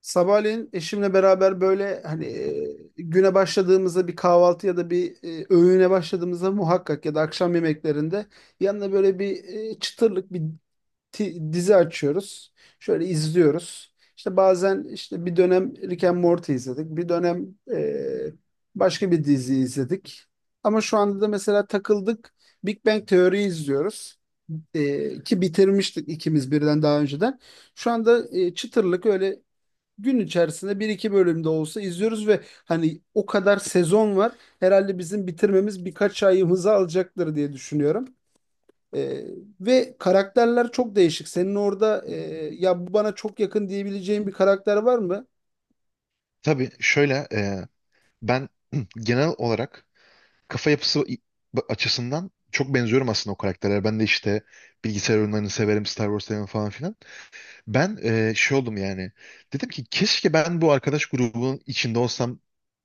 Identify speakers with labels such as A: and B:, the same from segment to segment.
A: Sabahleyin eşimle beraber böyle hani güne başladığımızda bir kahvaltı ya da bir öğüne başladığımızda muhakkak ya da akşam yemeklerinde yanına böyle bir çıtırlık bir dizi açıyoruz. Şöyle izliyoruz. İşte bazen işte bir dönem Rick and Morty izledik. Bir dönem e, başka bir dizi izledik. Ama şu anda da mesela takıldık. Big Bang Theory izliyoruz. Ki bitirmiştik ikimiz birden daha önceden. Şu anda çıtırlık öyle gün içerisinde bir iki bölümde olsa izliyoruz ve hani o kadar sezon var. Herhalde bizim bitirmemiz birkaç ayımızı alacaktır diye düşünüyorum. Ee, Ve karakterler çok değişik. Senin orada ya bu bana çok yakın diyebileceğin bir karakter var mı?
B: Tabii şöyle ben genel olarak kafa yapısı i- açısından çok benziyorum aslında o karakterlere. Ben de işte bilgisayar oyunlarını severim, Star Wars severim falan filan. Ben şey oldum yani. Dedim ki keşke ben bu arkadaş grubunun içinde olsam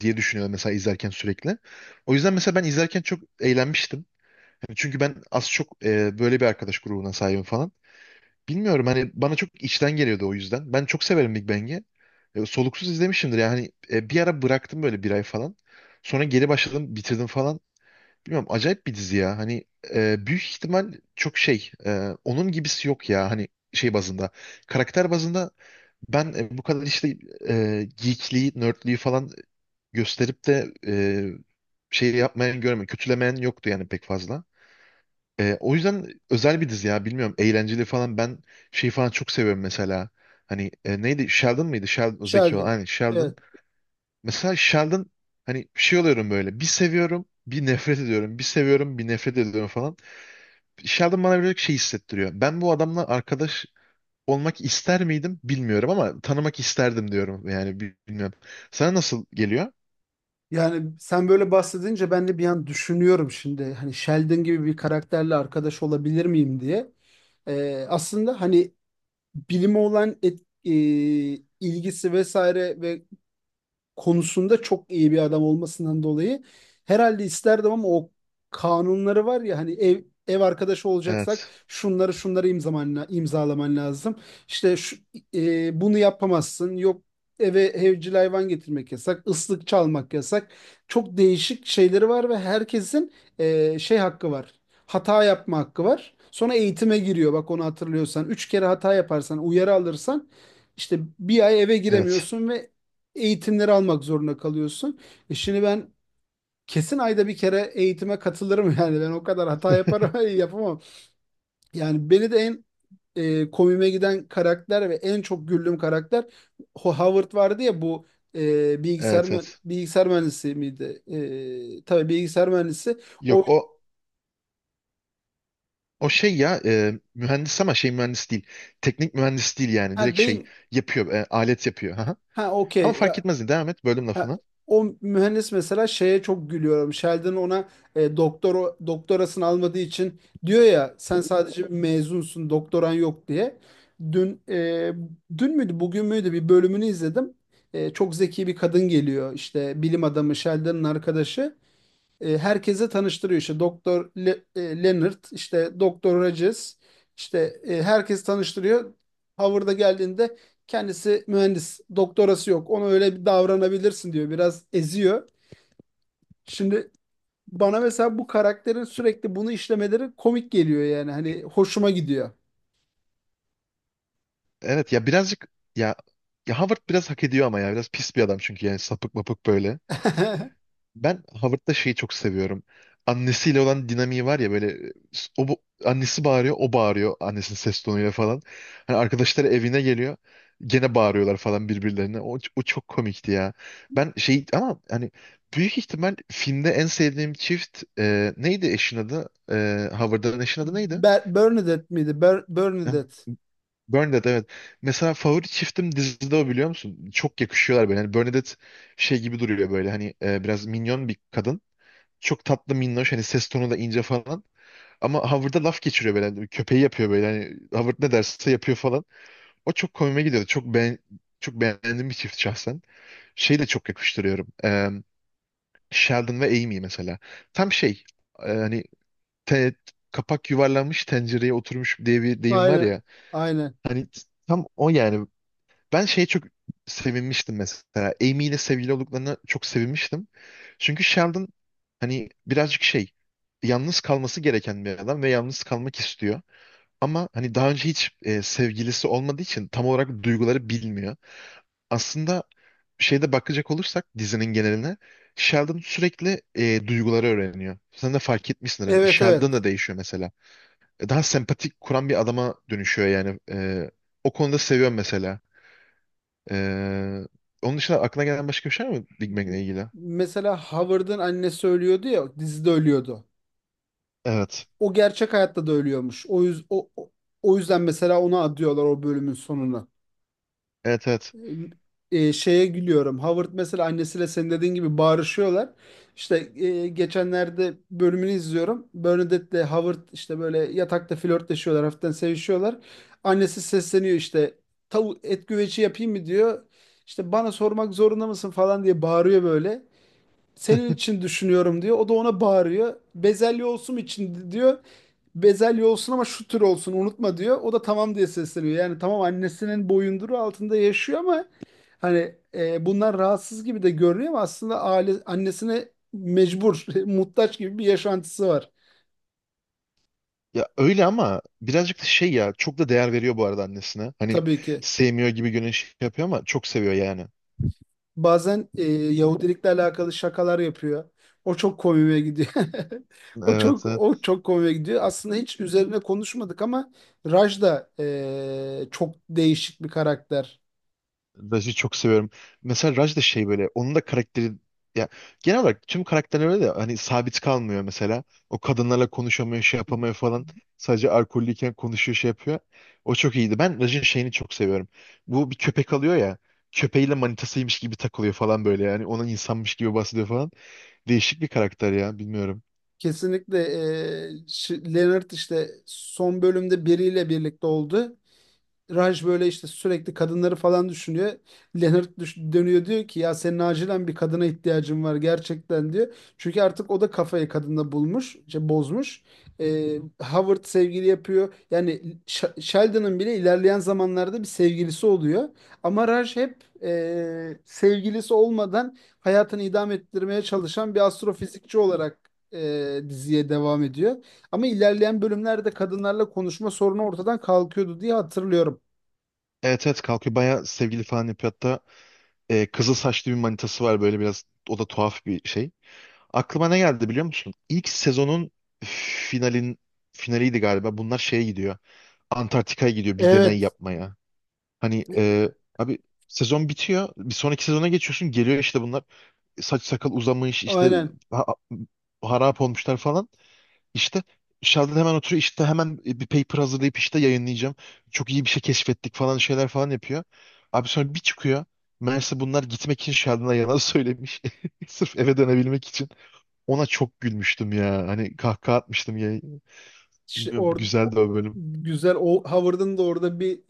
B: diye düşünüyorum mesela izlerken sürekli. O yüzden mesela ben izlerken çok eğlenmiştim. Hani çünkü ben az çok böyle bir arkadaş grubuna sahibim falan. Bilmiyorum hani bana çok içten geliyordu o yüzden. Ben çok severim Big Bang'i. Soluksuz izlemişimdir yani. Bir ara bıraktım böyle bir ay falan. Sonra geri başladım, bitirdim falan. Bilmiyorum acayip bir dizi ya. Hani büyük ihtimal çok şey. Onun gibisi yok ya. Hani şey bazında. Karakter bazında ben bu kadar işte geekliği, nerdliği falan gösterip de şey yapmayan görmedim. Kötülemeyen yoktu yani pek fazla. O yüzden özel bir dizi ya bilmiyorum eğlenceli falan ben şey falan çok seviyorum mesela hani neydi Sheldon mıydı Sheldon o zeki olan
A: Sheldon.
B: aynen Sheldon
A: Evet.
B: mesela. Sheldon hani şey oluyorum böyle, bir seviyorum bir nefret ediyorum, bir seviyorum bir nefret ediyorum falan. Sheldon bana böyle şey hissettiriyor, ben bu adamla arkadaş olmak ister miydim bilmiyorum ama tanımak isterdim diyorum yani, bilmiyorum sana nasıl geliyor?
A: Yani sen böyle bahsedince ben de bir an düşünüyorum şimdi. Hani Sheldon gibi bir karakterle arkadaş olabilir miyim diye. Aslında hani bilime olan ilgisi vesaire ve konusunda çok iyi bir adam olmasından dolayı herhalde isterdim ama o kanunları var ya hani ev arkadaşı olacaksak
B: Evet,
A: şunları imzalaman lazım. İşte şu, bunu yapamazsın. Yok eve evcil hayvan getirmek yasak, ıslık çalmak yasak. Çok değişik şeyleri var ve herkesin şey hakkı var. Hata yapma hakkı var. Sonra eğitime giriyor. Bak onu hatırlıyorsan. 3 kere hata yaparsan, uyarı alırsan işte bir ay eve
B: evet.
A: giremiyorsun ve eğitimleri almak zorunda kalıyorsun. Şimdi ben kesin ayda bir kere eğitime katılırım yani ben o kadar hata yaparım yapamam. Yani beni de en komiğime giden karakter ve en çok güldüğüm karakter Howard vardı ya bu
B: Evet, evet.
A: bilgisayar mühendisi miydi? Tabii bilgisayar mühendisi. O,
B: Yok, o. O şey ya, mühendis ama şey mühendis değil. Teknik mühendis değil yani.
A: ha
B: Direkt şey
A: değil.
B: yapıyor. Alet yapıyor. Aha.
A: Ha,
B: Ama
A: okey.
B: fark etmez. Devam et. Bölüm
A: Ha,
B: lafını.
A: o mühendis mesela şeye çok gülüyorum. Sheldon ona doktorasını almadığı için diyor ya sen sadece bir mezunsun, doktoran yok diye. Dün e, dün müydü, bugün müydü bir bölümünü izledim. Çok zeki bir kadın geliyor işte bilim adamı Sheldon'ın arkadaşı herkese tanıştırıyor işte Doktor Leonard işte Doktor Rogers işte herkes tanıştırıyor. Howard'a geldiğinde kendisi mühendis doktorası yok ona öyle bir davranabilirsin diyor biraz eziyor. Şimdi bana mesela bu karakterin sürekli bunu işlemeleri komik geliyor yani hani hoşuma gidiyor.
B: Evet ya, birazcık ya, ya Howard biraz hak ediyor ama ya. Biraz pis bir adam çünkü yani, sapık mapık böyle. Ben Howard'da şeyi çok seviyorum. Annesiyle olan dinamiği var ya böyle, o annesi bağırıyor, o bağırıyor annesinin ses tonuyla falan. Hani arkadaşları evine geliyor. Gene bağırıyorlar falan birbirlerine. O çok komikti ya. Ben şey ama hani büyük ihtimal filmde en sevdiğim çift, neydi eşin adı? E, Howard'ın eşin adı neydi?
A: Bernadette miydi?
B: Ha,
A: Bernadette.
B: Bernadette, evet. Mesela favori çiftim dizide o, biliyor musun? Çok yakışıyorlar böyle. Hani Bernadette şey gibi duruyor böyle, hani biraz minyon bir kadın. Çok tatlı, minnoş, hani ses tonu da ince falan. Ama Howard'a laf geçiriyor böyle, hani köpeği yapıyor böyle. Hani Howard ne derse yapıyor falan. O çok komime gidiyordu. Çok beğendiğim bir çift şahsen. Şeyi de çok yakıştırıyorum. Sheldon ve Amy mesela. Tam şey, hani te- kapak yuvarlanmış tencereye oturmuş diye bir deyim var
A: Aynen.
B: ya.
A: Aynen.
B: Hani tam o yani, ben şeye çok sevinmiştim mesela. Amy ile sevgili olduklarına çok sevinmiştim. Çünkü Sheldon hani birazcık şey, yalnız kalması gereken bir adam ve yalnız kalmak istiyor. Ama hani daha önce hiç sevgilisi olmadığı için tam olarak duyguları bilmiyor. Aslında şeyde bakacak olursak dizinin geneline, Sheldon sürekli duyguları öğreniyor. Sen de fark etmişsin hani
A: Evet,
B: Sheldon
A: evet.
B: da değişiyor mesela. Daha sempatik kuran bir adama dönüşüyor yani. O konuda seviyorum mesela. Ee, Onun dışında aklına gelen başka bir şey var mı Big Mac'le
A: M-
B: ilgili?
A: Mesela Howard'ın annesi ölüyordu ya dizide ölüyordu.
B: Evet.
A: O gerçek hayatta da ölüyormuş. O yüzden mesela ona adıyorlar o bölümün sonunu.
B: Evet, evet.
A: Ee, Şeye gülüyorum. Howard mesela annesiyle senin dediğin gibi bağırışıyorlar. İşte geçenlerde bölümünü izliyorum. Bernadette'le Howard işte böyle yatakta flörtleşiyorlar, hafiften sevişiyorlar. Annesi sesleniyor işte tavuk et güveci yapayım mı diyor. İşte bana sormak zorunda mısın falan diye bağırıyor böyle. Senin için düşünüyorum diyor. O da ona bağırıyor. Bezelye olsun için diyor, bezelye olsun ama şu tür olsun unutma diyor. O da tamam diye sesleniyor. Yani tamam annesinin boyunduru altında yaşıyor ama hani bunlar rahatsız gibi de görünüyor ama aslında aile annesine mecbur, muhtaç gibi bir yaşantısı var
B: Ya öyle ama birazcık da şey ya, çok da değer veriyor bu arada annesine. Hani
A: tabii ki.
B: sevmiyor gibi görünüş yapıyor ama çok seviyor yani.
A: Bazen Yahudilikle alakalı şakalar yapıyor. O çok komiğe gidiyor. O
B: Evet,
A: çok
B: evet.
A: o çok komiğe gidiyor. Aslında hiç üzerine konuşmadık ama Raj da çok değişik bir karakter.
B: Raj'ı çok seviyorum. Mesela Raj da şey böyle, onun da karakteri ya, genel olarak tüm karakterler öyle de, hani sabit kalmıyor mesela. O kadınlarla konuşamıyor, şey yapamıyor falan. Sadece alkollüyken konuşuyor, şey yapıyor. O çok iyiydi. Ben Raj'ın şeyini çok seviyorum. Bu bir köpek alıyor ya. Köpeğiyle manitasıymış gibi takılıyor falan böyle yani, onun insanmış gibi bahsediyor falan. Değişik bir karakter ya, bilmiyorum.
A: Kesinlikle Leonard işte son bölümde biriyle birlikte oldu. Raj böyle işte sürekli kadınları falan düşünüyor. Leonard dönüyor diyor ki ya senin acilen bir kadına ihtiyacın var gerçekten diyor. Çünkü artık o da kafayı kadında bulmuş, işte bozmuş. Howard sevgili yapıyor. Yani Sheldon'ın bile ilerleyen zamanlarda bir sevgilisi oluyor. Ama Raj hep sevgilisi olmadan hayatını idame ettirmeye çalışan bir astrofizikçi olarak diziye devam ediyor. Ama ilerleyen bölümlerde kadınlarla konuşma sorunu ortadan kalkıyordu diye hatırlıyorum.
B: Evet evet, kalkıyor, bayağı sevgili falan yapıyor. Hatta kızıl saçlı bir manitası var böyle, biraz o da tuhaf bir şey. Aklıma ne geldi biliyor musun? İlk sezonun finalin finaliydi galiba. Bunlar şeye gidiyor. Antarktika'ya gidiyor bir deney
A: Evet,
B: yapmaya. Hani abi, sezon bitiyor. Bir sonraki sezona geçiyorsun. Geliyor işte bunlar. Saç sakal uzamış işte,
A: aynen.
B: ha- harap olmuşlar falan. İşte Sheldon hemen oturuyor. İşte hemen bir paper hazırlayıp işte yayınlayacağım. Çok iyi bir şey keşfettik falan, şeyler falan yapıyor. Abi sonra bir çıkıyor. Meğerse bunlar gitmek için Sheldon'a yalan söylemiş. Sırf eve dönebilmek için. Ona çok gülmüştüm ya. Hani kahkaha atmıştım ya.
A: İşte
B: Bilmiyorum,
A: o-
B: güzeldi o bölüm.
A: güzel, o Howard'ın da orada bir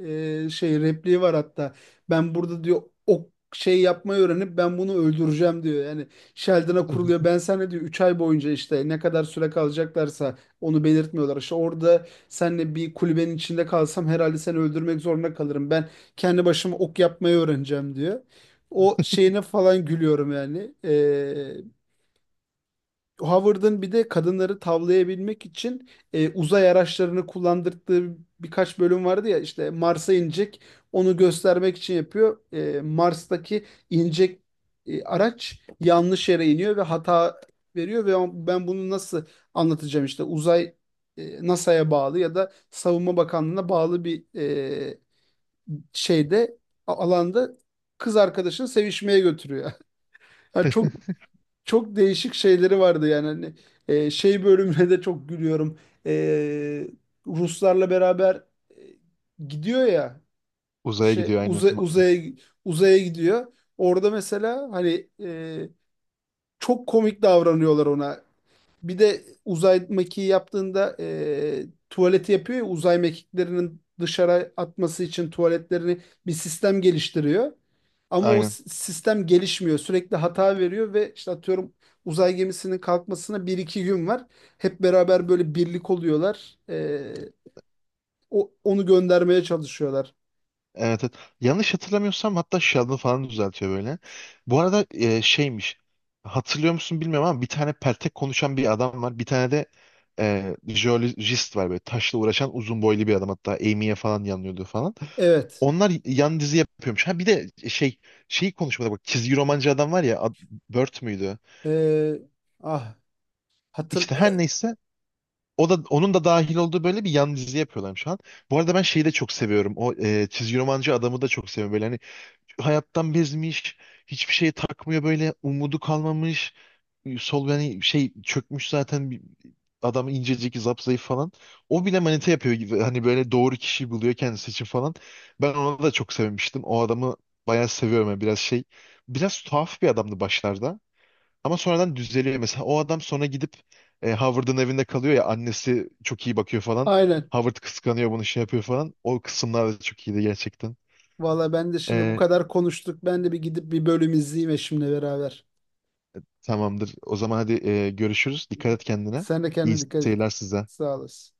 A: şey repliği var hatta. Ben burada diyor o şey yapmayı öğrenip ben bunu öldüreceğim diyor. Yani Sheldon'a kuruluyor. Ben sana diyor 3 ay boyunca işte ne kadar süre kalacaklarsa onu belirtmiyorlar. İşte orada seninle bir kulübenin içinde kalsam herhalde seni öldürmek zorunda kalırım. Ben kendi başıma ok yapmayı öğreneceğim diyor. O şeyine falan gülüyorum yani. Howard'ın bir de kadınları tavlayabilmek için uzay araçlarını kullandırdığı birkaç bölüm vardı ya işte Mars'a inecek onu göstermek için yapıyor. Mars'taki inecek araç yanlış yere iniyor ve hata veriyor ve ben bunu nasıl anlatacağım işte uzay NASA'ya bağlı ya da Savunma Bakanlığı'na bağlı bir şeyde alanda kız arkadaşını sevişmeye götürüyor. Yani çok çok değişik şeyleri vardı yani hani şey bölümüne de çok gülüyorum. E, Ruslarla beraber e, gidiyor ya
B: Uzaya
A: şey
B: gidiyor aynen.
A: uza-
B: Ma-
A: uzaya uzaya gidiyor. Orada mesela hani çok komik davranıyorlar ona. Bir de uzay mekiği yaptığında tuvaleti yapıyor ya uzay mekiklerinin dışarı atması için tuvaletlerini bir sistem geliştiriyor. Ama o
B: Aynen.
A: sistem gelişmiyor. Sürekli hata veriyor ve işte atıyorum uzay gemisinin kalkmasına bir iki gün var. Hep beraber böyle birlik oluyorlar. Onu göndermeye çalışıyorlar.
B: Evet, evet. Yanlış hatırlamıyorsam hatta Sheldon falan düzeltiyor böyle. Bu arada şeymiş. Hatırlıyor musun bilmiyorum ama bir tane peltek konuşan bir adam var. Bir tane de jeolojist var böyle. Taşla uğraşan uzun boylu bir adam. Hatta Amy'ye falan yanıyordu falan.
A: Evet.
B: Onlar yan dizi yapıyormuş. Ha bir de şey, şeyi konuşmada bak. Çizgi romancı adam var ya. Ad- Bert müydü?
A: E, ah hatır
B: İşte her
A: e,
B: neyse, o da, onun da dahil olduğu böyle bir yan dizi yapıyorlar şu an. Bu arada ben şeyi de çok seviyorum. O çizgi romancı adamı da çok seviyorum. Böyle hani hayattan bezmiş, hiçbir şeye takmıyor böyle, umudu kalmamış. Sol yani şey çökmüş zaten, adam incecik, zapzayıf falan. O bile manita yapıyor gibi. Hani böyle doğru kişiyi buluyor kendisi için falan. Ben ona da çok sevmiştim. O adamı bayağı seviyorum. Yani biraz şey, biraz tuhaf bir adamdı başlarda. Ama sonradan düzeliyor mesela. O adam sonra gidip Howard'ın evinde kalıyor ya, annesi çok iyi bakıyor falan.
A: aynen.
B: Howard kıskanıyor bunu, şey yapıyor falan. O kısımlar da çok iyiydi gerçekten.
A: Valla ben de şimdi bu
B: E,
A: kadar konuştuk. Ben de bir gidip bir bölüm izleyeyim eşimle beraber.
B: Tamamdır. O zaman hadi görüşürüz. Dikkat et kendine.
A: Sen de
B: İyi
A: kendine dikkat et.
B: seyirler size.
A: Sağ olasın.